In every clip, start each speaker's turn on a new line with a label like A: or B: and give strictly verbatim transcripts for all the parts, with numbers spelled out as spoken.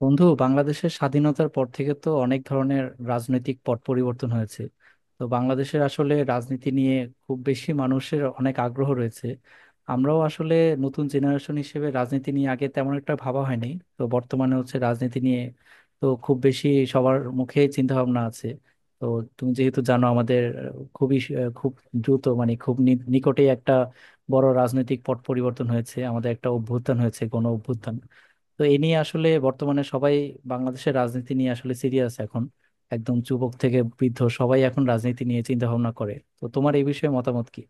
A: বন্ধু, বাংলাদেশের স্বাধীনতার পর থেকে তো অনেক ধরনের রাজনৈতিক পট পরিবর্তন হয়েছে। তো বাংলাদেশের আসলে রাজনীতি নিয়ে খুব বেশি মানুষের অনেক আগ্রহ রয়েছে। আমরাও আসলে নতুন জেনারেশন হিসেবে রাজনীতি নিয়ে আগে তেমন একটা ভাবা হয়নি। তো বর্তমানে হচ্ছে রাজনীতি নিয়ে তো খুব বেশি সবার মুখে চিন্তা ভাবনা আছে। তো তুমি যেহেতু জানো আমাদের খুবই খুব দ্রুত, মানে খুব নি- নিকটেই একটা বড় রাজনৈতিক পট পরিবর্তন হয়েছে, আমাদের একটা অভ্যুত্থান হয়েছে, গণ অভ্যুত্থান। তো এ নিয়ে আসলে বর্তমানে সবাই বাংলাদেশের রাজনীতি নিয়ে আসলে সিরিয়াস এখন। একদম যুবক থেকে বৃদ্ধ সবাই এখন রাজনীতি নিয়ে চিন্তা ভাবনা করে। তো তোমার এই বিষয়ে মতামত কি?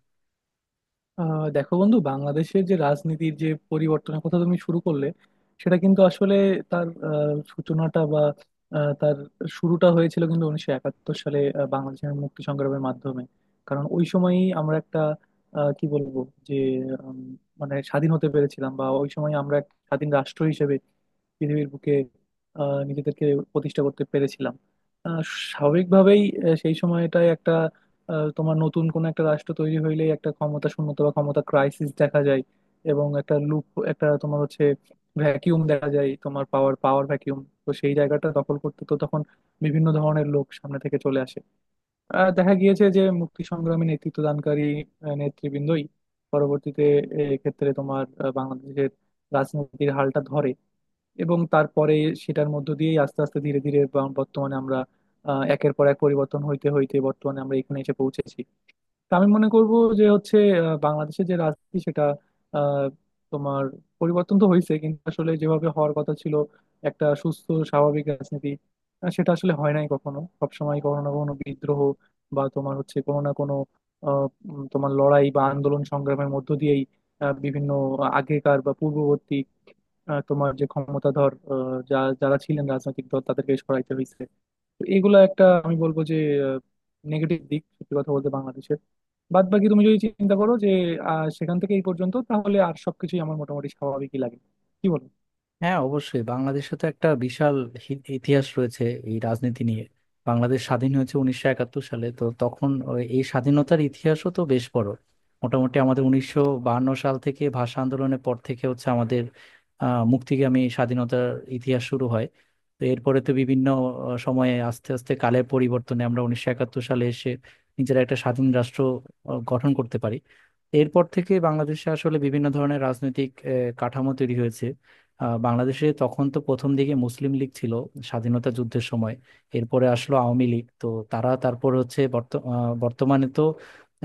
B: আহ দেখো বন্ধু, বাংলাদেশের যে রাজনীতির যে পরিবর্তনের কথা তুমি শুরু করলে সেটা কিন্তু আসলে তার আহ, সূচনাটা বা আহ, তার শুরুটা হয়েছিল কিন্তু উনিশশো একাত্তর সালে, আহ, বাংলাদেশের মুক্তি সংগ্রামের মাধ্যমে। কারণ ওই সময়ই আমরা একটা আহ, কি বলবো যে উম, মানে স্বাধীন হতে পেরেছিলাম, বা ওই সময় আমরা এক স্বাধীন রাষ্ট্র হিসেবে পৃথিবীর বুকে আহ, নিজেদেরকে প্রতিষ্ঠা করতে পেরেছিলাম। আহ, স্বাভাবিকভাবেই আহ, সেই সময়টায় একটা আহ, তোমার নতুন কোন একটা রাষ্ট্র তৈরি হইলেই একটা ক্ষমতা শূন্যতা বা ক্ষমতা ক্রাইসিস দেখা যায়, এবং একটা লুপ একটা তোমার হচ্ছে ভ্যাকিউম দেখা যায়, তোমার পাওয়ার পাওয়ার ভ্যাকিউম। তো সেই জায়গাটা দখল করতে তো তখন বিভিন্ন ধরনের লোক সামনে থেকে চলে আসে। আহ, দেখা গিয়েছে যে মুক্তি সংগ্রামে নেতৃত্ব দানকারী আহ, নেতৃবৃন্দই পরবর্তীতে ক্ষেত্রে তোমার আহ, বাংলাদেশের রাজনীতির হালটা ধরে, এবং তারপরে সেটার মধ্য দিয়েই আস্তে আস্তে ধীরে ধীরে বা- বর্তমানে আমরা আহ, একের পর এক পরিবর্তন হইতে হইতে বর্তমানে আমরা এখানে এসে পৌঁছেছি। তা আমি মনে করব যে হচ্ছে আহ, বাংলাদেশের যে রাজনীতি সেটা আহ, তোমার পরিবর্তন তো হয়েছে, কিন্তু আসলে যেভাবে হওয়ার কথা ছিল একটা সুস্থ স্বাভাবিক রাজনীতি, আহ, সেটা আসলে হয় নাই। কখনো সবসময় কখনো না কখনো বিদ্রোহ বা তোমার হচ্ছে কোনো না কোনো আহ, উম, তোমার লড়াই বা আন্দোলন সংগ্রামের মধ্য দিয়েই আহ, বিভিন্ন আগেকার বা পূর্ববর্তী আহ, তোমার যে ক্ষমতাধর আহ, যা যারা ছিলেন রাজনৈতিক দল তাদেরকে সরাইতে হয়েছে। তো এগুলো একটা আমি বলবো যে নেগেটিভ দিক, সত্যি কথা বলতে বাংলাদেশের। বাদ বাকি তুমি যদি চিন্তা করো যে আহ, সেখান থেকে এই পর্যন্ত, তাহলে আর সবকিছুই আমার মোটামুটি স্বাভাবিকই লাগে। কি বলো?
A: হ্যাঁ, অবশ্যই। বাংলাদেশে তো একটা বিশাল হি- ইতিহাস রয়েছে এই রাজনীতি নিয়ে। বাংলাদেশ স্বাধীন হয়েছে উনিশশো একাত্তর সালে, তো তখন ওই- এই স্বাধীনতার ইতিহাসও তো বেশ বড়। মোটামুটি আমাদের উনিশশো বাহান্ন সাল থেকে, ভাষা আন্দোলনের পর থেকে হচ্ছে আমাদের আহ মুক্তিগামী স্বাধীনতার ইতিহাস শুরু হয়। তো এরপরে তো বিভিন্ন আহ, সময়ে, আস্তে আস্তে কালের পরিবর্তনে আমরা উনিশশো একাত্তর সালে এসে নিজেরা একটা স্বাধীন রাষ্ট্র আহ, গঠন করতে পারি। এরপর থেকে বাংলাদেশে আসলে বিভিন্ন ধরনের রাজনৈতিক আহ, কাঠামো তৈরি হয়েছে। আহ, বাংলাদেশে তখন তো প্রথম দিকে মুসলিম লীগ ছিল স্বাধীনতা যুদ্ধের সময়। এরপরে আসলো আওয়ামী লীগ, তো তারা তারপর হচ্ছে বর্ত- আহ, বর্তমানে তো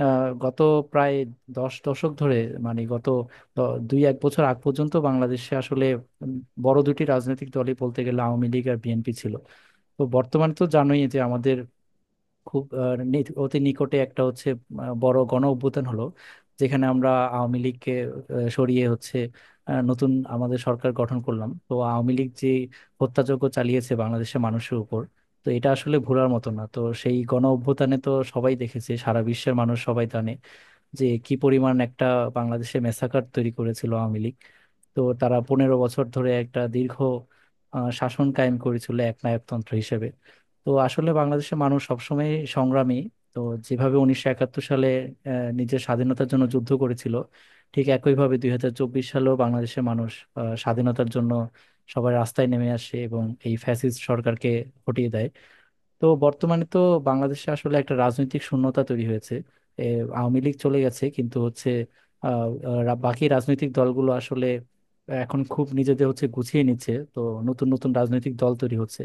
A: আহ, গত প্রায় দশ দশক ধরে, মানে গত দ- দুই এক বছর আগ পর্যন্ত বাংলাদেশে আসলে উম, বড় দুটি রাজনৈতিক দলই বলতে গেলে আওয়ামী লীগ আর বিএনপি ছিল। তো বর্তমানে তো জানোই যে আমাদের খুব আহ, নি- অতি নিকটে একটা হচ্ছে আহ, বড় গণ অভ্যুত্থান হলো, যেখানে আমরা আওয়ামী লীগকে আহ, সরিয়ে হচ্ছে আহ, নতুন আমাদের সরকার গঠন করলাম। তো আওয়ামী লীগ যে হত্যাযজ্ঞ চালিয়েছে বাংলাদেশের মানুষের উপর, তো এটা আসলে ভোলার মতো না। তো সেই গণ অভ্যুত্থানে তো সবাই দেখেছে, সারা বিশ্বের মানুষ সবাই জানে যে কি পরিমাণ একটা বাংলাদেশে মেসাকার তৈরি করেছিল আওয়ামী লীগ। তো তারা পনেরো বছর ধরে একটা দীর্ঘ আহ, শাসন কায়েম করেছিল, একনায়কতন্ত্র হিসেবে। তো আসলে বাংলাদেশের মানুষ সবসময় সংগ্রামী। তো যেভাবে উনিশশো একাত্তর সালে আহ, নিজের স্বাধীনতার জন্য যুদ্ধ করেছিল, ঠিক একইভাবে দুই হাজার চব্বিশ সালেও বাংলাদেশের মানুষ আহ, স্বাধীনতার জন্য সবাই রাস্তায় নেমে আসে এবং এই ফ্যাসিস্ট সরকারকে হটিয়ে দেয়। তো বর্তমানে তো বাংলাদেশে আসলে একটা রাজনৈতিক শূন্যতা তৈরি হয়েছে। এ, আওয়ামী লীগ চলে গেছে, কিন্তু হচ্ছে আহ, আহ, বাকি রাজনৈতিক দলগুলো আসলে এখন খুব নিজেদের হচ্ছে গুছিয়ে নিচ্ছে। তো নতুন নতুন রাজনৈতিক দল তৈরি হচ্ছে।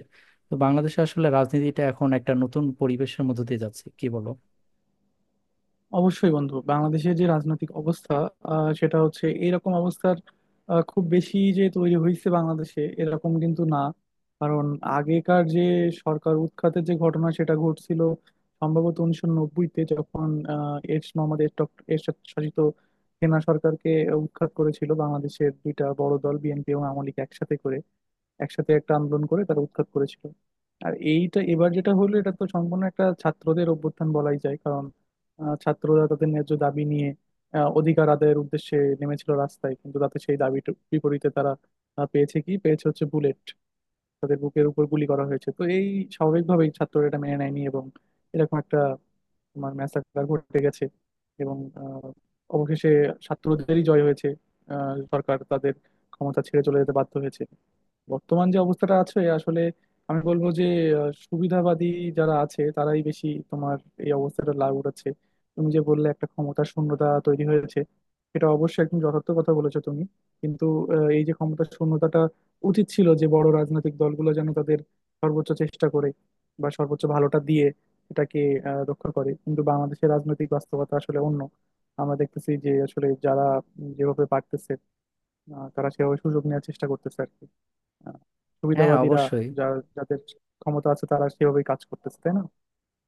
A: তো বাংলাদেশে আসলে রাজনীতিটা এখন একটা নতুন পরিবেশের মধ্যে দিয়ে যাচ্ছে। কি বলো?
B: অবশ্যই বন্ধু, বাংলাদেশের যে রাজনৈতিক অবস্থা, আহ, সেটা হচ্ছে এরকম অবস্থার আহ, খুব বেশি যে তৈরি হয়েছে বাংলাদেশে এরকম কিন্তু না। কারণ আগেকার যে সরকার উৎখাতের যে ঘটনা সেটা ঘটছিল সম্ভবত উনিশশো নব্বইতে, যখন আহ, এরশ মোহাম্মদ এরটক- এরশাদ শাসিত সেনা সরকারকে উৎখাত করেছিল বাংলাদেশের দুইটা বড় দল বিএনপি এবং আওয়ামী লীগ একসাথে করে, একসাথে একটা আন্দোলন করে তারা উৎখাত করেছিল। আর এইটা এবার যেটা হলো, এটা তো সম্পূর্ণ একটা ছাত্রদের অভ্যুত্থান বলাই যায়। আহ, ছাত্ররা তাদের ন্যায্য দাবি নিয়ে, আহ, অধিকার আদায়ের উদ্দেশ্যে নেমেছিল রাস্তায়, কিন্তু তাতে সেই দাবিটা বিপরীতে তারা আহ, পেয়েছে, কি পেয়েছে, হচ্ছে বুলেট। তাদের বুকের উপর গুলি করা হয়েছে। তো এই স্বাভাবিকভাবেই ছাত্ররা এটা মেনে নেয়নি, এবং এরকম একটা তোমার ম্যাসাকার ঘটে গেছে, এবং আহ, অবশেষে ছাত্রদেরই জয় হয়েছে। আহ, সরকার তাদের ক্ষমতা ছেড়ে চলে যেতে বাধ্য হয়েছে। বর্তমান যে অবস্থাটা আছে আসলে, আমি বলবো যে আহ, সুবিধাবাদী যারা আছে তারাই বেশি তোমার এই অবস্থাটা লাভ উঠাচ্ছে। তুমি যে বললে একটা ক্ষমতার শূন্যতা তৈরি হয়েছে, এটা অবশ্যই একদম যথার্থ কথা বলেছো তুমি। কিন্তু আহ, এই যে ক্ষমতার শূন্যতাটা, উচিত ছিল যে বড় রাজনৈতিক দলগুলো যেন তাদের সর্বোচ্চ চেষ্টা করে বা সর্বোচ্চ ভালোটা দিয়ে এটাকে আহ, রক্ষা করে, কিন্তু বাংলাদেশের রাজনৈতিক বাস্তবতা আসলে অন্য। আমরা দেখতেছি যে আসলে যারা উম, যেভাবে পারতেছে আহ, তারা সেভাবে সুযোগ নেওয়ার চেষ্টা করতেছে আর কি। আহ,
A: হ্যাঁ,
B: সুবিধাবাদীরা,
A: অবশ্যই।
B: যা যাদের ক্ষমতা আছে তারা সেভাবেই কাজ করতেছে, তাই না?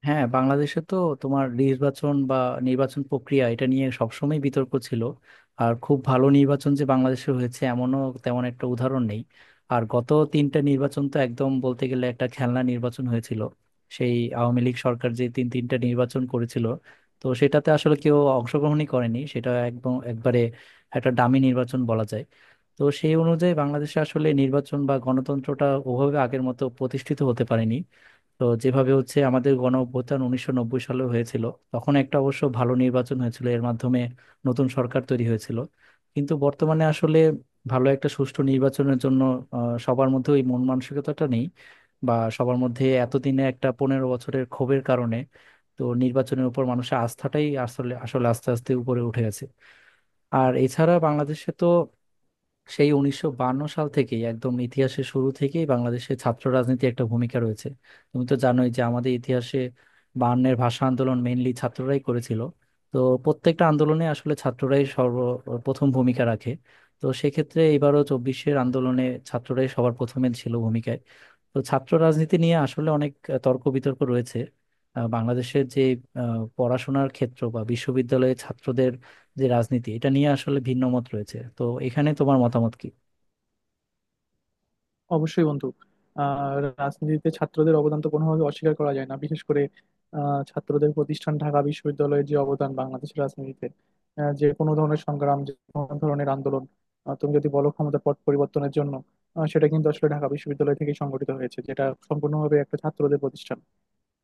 A: হ্যাঁ, বাংলাদেশে তো তোমার নির্বাচন বা নির্বাচন প্রক্রিয়া, এটা নিয়ে সবসময় বিতর্ক ছিল। আর খুব ভালো নির্বাচন যে বাংলাদেশে হয়েছে এমনও তেমন একটা উদাহরণ নেই। আর গত তিনটা নির্বাচন তো একদম বলতে গেলে একটা খেলনা নির্বাচন হয়েছিল। সেই আওয়ামী লীগ সরকার যে তিন তিনটা নির্বাচন করেছিল, তো সেটাতে আসলে কেউ অংশগ্রহণই করেনি, সেটা একদম একবারে একটা ডামি নির্বাচন বলা যায়। তো সেই অনুযায়ী বাংলাদেশে আসলে নির্বাচন বা গণতন্ত্রটা ওভাবে আগের মতো প্রতিষ্ঠিত হতে পারেনি। তো যেভাবে হচ্ছে আমাদের গণ অভ্যুত্থান উনিশশো নব্বই সালে হয়েছিল, তখন একটা অবশ্য ভালো নির্বাচন হয়েছিল, এর মাধ্যমে নতুন সরকার তৈরি হয়েছিল। কিন্তু বর্তমানে আসলে ভালো একটা সুষ্ঠু নির্বাচনের জন্য আহ, সবার মধ্যে ওই মন মানসিকতাটা নেই, বা সবার মধ্যে এতদিনে একটা পনেরো বছরের ক্ষোভের কারণে তো নির্বাচনের উপর মানুষের আস্থাটাই আসলে আসলে আস্তে আস্তে উপরে উঠে গেছে। আর এছাড়া বাংলাদেশে তো সেই উনিশশো বায়ান্ন সাল থেকেই, একদম ইতিহাসের শুরু থেকেই বাংলাদেশে ছাত্র রাজনীতি একটা ভূমিকা রয়েছে। তুমি তো জানোই যে আমাদের ইতিহাসে বায়ান্নের ভাষা আন্দোলন মেইনলি ছাত্ররাই করেছিল। তো প্রত্যেকটা আন্দোলনে আসলে ছাত্ররাই সর্বপ্রথম ভূমিকা রাখে। তো সেক্ষেত্রে এবারও চব্বিশের আন্দোলনে ছাত্ররাই সবার প্রথমে ছিল ভূমিকায়। তো ছাত্র রাজনীতি নিয়ে আসলে অনেক আহ, তর্ক বিতর্ক রয়েছে। আহ, বাংলাদেশের যে আহ, পড়াশোনার ক্ষেত্র বা বিশ্ববিদ্যালয়ে ছাত্রদের যে রাজনীতি, এটা নিয়ে আসলে ভিন্ন মত রয়েছে। তো এখানে তোমার মতামত কি?
B: অবশ্যই বন্ধু, আহ রাজনীতিতে ছাত্রদের অবদান তো কোনোভাবে অস্বীকার করা যায় না। বিশেষ করে আহ ছাত্রদের প্রতিষ্ঠান ঢাকা বিশ্ববিদ্যালয়ের যে অবদান বাংলাদেশের রাজনীতিতে, আহ, যে কোনো ধরনের সংগ্রাম যে কোনো ধরনের আন্দোলন, আহ, তুমি যদি বলো ক্ষমতার পট পরিবর্তনের জন্য, আহ, সেটা কিন্তু আসলে ঢাকা বিশ্ববিদ্যালয় থেকেই সংগঠিত হয়েছে, যেটা সম্পূর্ণভাবে একটা ছাত্রদের প্রতিষ্ঠান,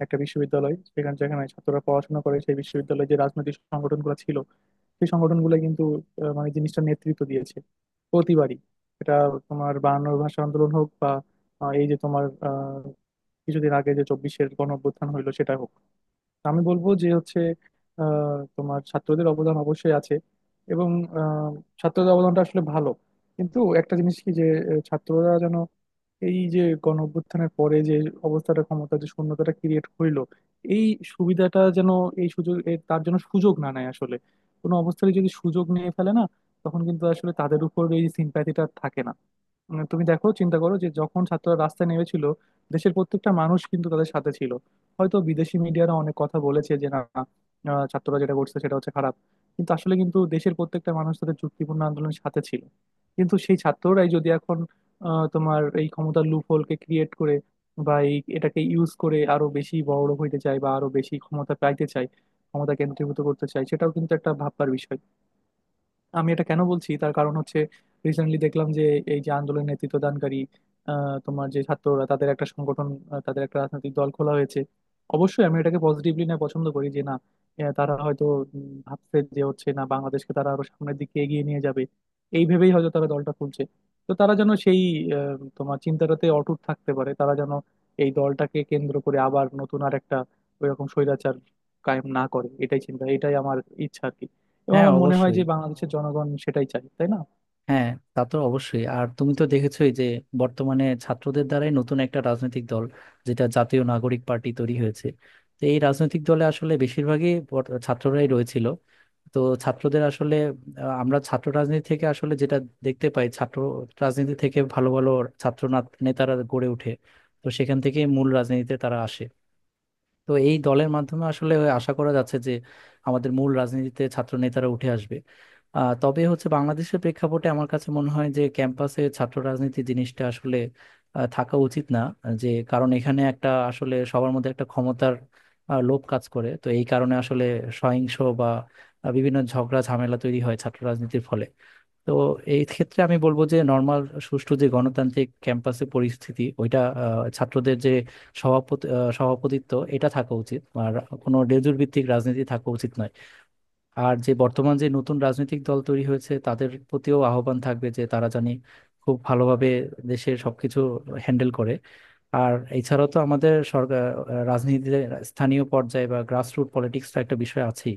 B: একটা বিশ্ববিদ্যালয়। সেখানে যেখানে ছাত্ররা পড়াশোনা করে, সেই বিশ্ববিদ্যালয়ে যে রাজনৈতিক সংগঠনগুলো ছিল, সেই সংগঠনগুলো কিন্তু আহ, মানে জিনিসটা নেতৃত্ব দিয়েছে প্রতিবারই। এটা তোমার বায়ান্নর ভাষা আন্দোলন হোক, বা আহ, এই যে তোমার আহ, কিছুদিন আগে যে চব্বিশের গণ অভ্যুত্থান হইলো সেটা হোক। আমি বলবো যে হচ্ছে আহ, তোমার ছাত্রদের অবদান অবশ্যই আছে, এবং আহ, ছাত্রদের অবদানটা আসলে ভালো। কিন্তু একটা জিনিস কি যে আহ, ছাত্ররা যেন এই যে গণ অভ্যুত্থানের পরে যে অবস্থাটা, ক্ষমতা যে শূন্যতাটা ক্রিয়েট হইলো, এই সুবিধাটা যেন এই সুযোগ এ- তার জন্য সুযোগ না নেয় আসলে। কোনো অবস্থায় যদি সুযোগ নিয়ে ফেলে না, তখন কিন্তু আসলে তাদের উপর এই সিম্প্যাথিটা থাকে না। উম, তুমি দেখো, চিন্তা করো যে যখন ছাত্ররা রাস্তায় নেমেছিল দেশের প্রত্যেকটা মানুষ কিন্তু তাদের সাথে ছিল। হয়তো বিদেশি মিডিয়ারা অনেক কথা বলেছে যে না, আহ, ছাত্ররা যেটা করছে সেটা হচ্ছে খারাপ, কিন্তু আসলে কিন্তু দেশের প্রত্যেকটা মানুষ তাদের চুক্তিপূর্ণ আন্দোলনের সাথে ছিল। কিন্তু সেই ছাত্ররাই যদি এখন আহ, তোমার এই ক্ষমতার লুপ হোলকে ক্রিয়েট করে, বা এই এটাকে ইউজ করে আরো বেশি বড় হইতে চায় বা আরো বেশি ক্ষমতা পাইতে চায়, ক্ষমতা কেন্দ্রীভূত করতে চায়, সেটাও কিন্তু একটা ভাববার বিষয়। আমি এটা কেন বলছি তার কারণ হচ্ছে, রিসেন্টলি দেখলাম যে এই যে আন্দোলনের নেতৃত্ব দানকারী আহ, তোমার যে ছাত্ররা, তাদের একটা সংগঠন, আহ, তাদের একটা রাজনৈতিক দল খোলা হয়েছে। অবশ্যই আমি এটাকে পজিটিভলি না পছন্দ করি যে না, আহ, তারা হয়তো উম, ভাবছে যে হচ্ছে না বাংলাদেশকে তারা আরো সামনের দিকে এগিয়ে নিয়ে যাবে, এই ভেবেই হয়তো তারা দলটা খুলছে। তো তারা যেন সেই আহ, তোমার চিন্তাটাতে অটুট থাকতে পারে, তারা যেন এই দলটাকে কেন্দ্র করে আবার নতুন আর একটা ওইরকম স্বৈরাচার কায়েম না করে, এটাই চিন্তা, এটাই আমার ইচ্ছা আর কি। এবং
A: হ্যাঁ,
B: আমার মনে হয়
A: অবশ্যই।
B: যে বাংলাদেশের জনগণ সেটাই চায়, তাই না?
A: হ্যাঁ, তা তো অবশ্যই। আর তুমি তো দেখেছোই যে বর্তমানে ছাত্রদের দ্বারাই নতুন একটা রাজনৈতিক দল, যেটা জাতীয় নাগরিক পার্টি, তৈরি হয়েছে। তো এই রাজনৈতিক দলে আসলে বেশিরভাগই বর- ছাত্ররাই রয়েছিল। তো ছাত্রদের আসলে আহ, আমরা ছাত্র রাজনীতি থেকে আসলে যেটা দেখতে পাই, ছাত্র রাজনীতি থেকে ভালো ভালো ছাত্র না- নেতারা গড়ে ওঠে। তো সেখান থেকে মূল রাজনীতিতে তারা আসে। তো এই দলের মাধ্যমে আসলে আশা করা যাচ্ছে যে আমাদের মূল রাজনীতিতে ছাত্র নেতারা উঠে আসবে। আহ, তবে হচ্ছে, বাংলাদেশের প্রেক্ষাপটে আমার কাছে মনে হয় যে ক্যাম্পাসে ছাত্র রাজনীতি জিনিসটা আসলে আহ, থাকা উচিত না। যে কারণ এখানে একটা আসলে সবার মধ্যে একটা ক্ষমতার আহ, লোভ কাজ করে, তো এই কারণে আসলে সহিংস বা আহ, বিভিন্ন ঝগড়া ঝামেলা তৈরি হয় ছাত্র রাজনীতির ফলে। তো এই ক্ষেত্রে আমি বলবো যে নর্মাল সুষ্ঠু যে গণতান্ত্রিক ক্যাম্পাসে পরিস্থিতি, ওইটা আহ, ছাত্রদের যে সভাপতি আহ, সভাপতিত্ব এটা থাকা উচিত, আর কোনো লেজুর ভিত্তিক রাজনীতি থাকা উচিত নয়। আর যে বর্তমান যে নতুন রাজনৈতিক দল তৈরি হয়েছে তাদের প্রতিও আহ্বান থাকবে যে তারা জানি খুব ভালোভাবে দেশের সবকিছু হ্যান্ডেল করে। আর এছাড়াও তো আমাদের সরকার আহ, রাজনীতিতে স্থানীয় পর্যায়ে বা গ্রাসরুট পলিটিক্সটা একটা বিষয় আছেই।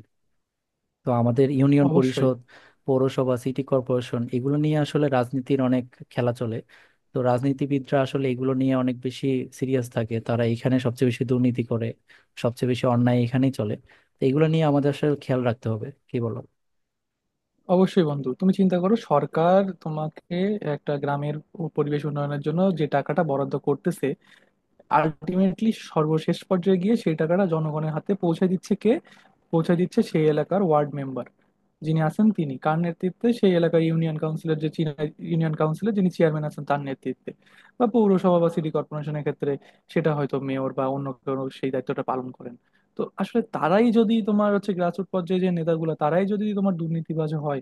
A: তো আমাদের ইউনিয়ন
B: অবশ্যই।
A: পরিষদ, পৌরসভা, সিটি কর্পোরেশন, এগুলো নিয়ে আসলে রাজনীতির অনেক খেলা চলে। তো রাজনীতিবিদরা আসলে এগুলো নিয়ে অনেক বেশি সিরিয়াস থাকে, তারা এখানে সবচেয়ে বেশি দুর্নীতি করে, সবচেয়ে বেশি অন্যায় এখানেই চলে। তো এগুলো নিয়ে আমাদের আসলে খেয়াল রাখতে হবে। কি বলো?
B: অবশ্যই বন্ধু, তুমি চিন্তা করো সরকার তোমাকে একটা গ্রামের ও পরিবেশ উন্নয়নের জন্য যে টাকাটা বরাদ্দ করতেছে, আলটিমেটলি সর্বশেষ পর্যায়ে গিয়ে সেই টাকাটা জনগণের হাতে পৌঁছে দিচ্ছে কে? পৌঁছে দিচ্ছে সেই এলাকার ওয়ার্ড মেম্বার যিনি আছেন, তিনি কার নেতৃত্বে? সেই এলাকার ইউনিয়ন কাউন্সিলের যে চি- ইউনিয়ন কাউন্সিলের যিনি চেয়ারম্যান আছেন তার নেতৃত্বে। বা পৌরসভা বা সিটি কর্পোরেশনের ক্ষেত্রে সেটা হয়তো মেয়র বা অন্য কেউ সেই দায়িত্বটা পালন করেন। তো আসলে তারাই যদি তোমার হচ্ছে গ্রাসরুট পর্যায়ে যে নেতাগুলো, তারাই যদি তোমার দুর্নীতিবাজ হয়,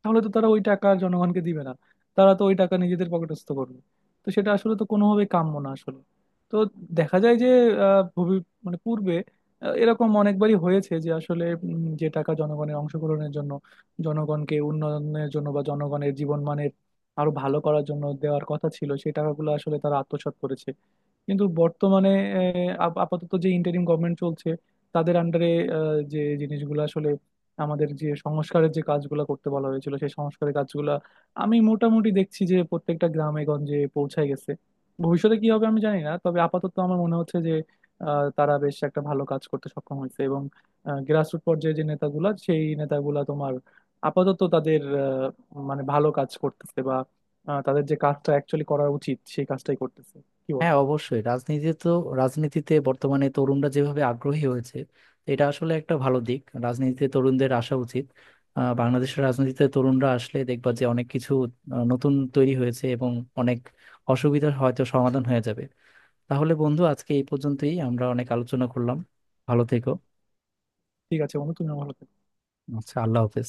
B: তাহলে তো তারা ওই টাকা আর জনগণকে দিবে না, তারা তো ওই টাকা নিজেদের পকেটস্থ করবে। তো সেটা আসলে তো কোনোভাবেই কাম্য না আসলে। তো দেখা যায় যে আহ, ভবি মানে পূর্বে আহ, এরকম অনেকবারই হয়েছে যে আসলে উম, যে টাকা জনগণের অংশগ্রহণের জন্য, জনগণকে উন্নয়নের জন্য বা জনগণের জীবনমানের আরো ভালো করার জন্য দেওয়ার কথা ছিল, সেই টাকাগুলো আসলে তারা আত্মসাৎ করেছে। কিন্তু বর্তমানে আহ, আপ- আপাতত যে ইন্টারিম গভর্নমেন্ট চলছে, তাদের আন্ডারে যে জিনিসগুলো আসলে আমাদের যে সংস্কারের যে কাজগুলো করতে বলা হয়েছিল সেই সংস্কারের কাজগুলো আমি মোটামুটি দেখছি যে প্রত্যেকটা গ্রামে গঞ্জে পৌঁছায় গেছে। ভবিষ্যতে কি হবে আমি জানি না, তবে আপাতত আমার মনে হচ্ছে যে আহ, তারা বেশ একটা ভালো কাজ করতে সক্ষম হয়েছে, এবং গ্রাসরুট পর্যায়ে যে নেতাগুলা সেই নেতাগুলা তোমার আপাতত তাদের আহ, মানে ভালো কাজ করতেছে, বা আহ, তাদের যে কাজটা অ্যাকচুয়ালি করা উচিত সেই কাজটাই করতেছে। কি বলো?
A: হ্যাঁ, অবশ্যই। রাজনীতি তো, রাজনীতিতে বর্তমানে তরুণরা যেভাবে আগ্রহী হয়েছে, এটা আসলে একটা ভালো দিক। রাজনীতিতে তরুণদের আসা উচিত। আহ, বাংলাদেশের রাজনীতিতে তরুণরা আসলে দেখবা যে অনেক কিছু আহ, নতুন তৈরি হয়েছে এবং অনেক অসুবিধার হয়তো সমাধান হয়ে যাবে। তাহলে বন্ধু, আজকে এই পর্যন্তই। আমরা অনেক আলোচনা করলাম। ভালো থেকো।
B: ঠিক আছে বন্ধু, তুমিও ভালো থেকো।
A: আচ্ছা, আল্লাহ হাফেজ।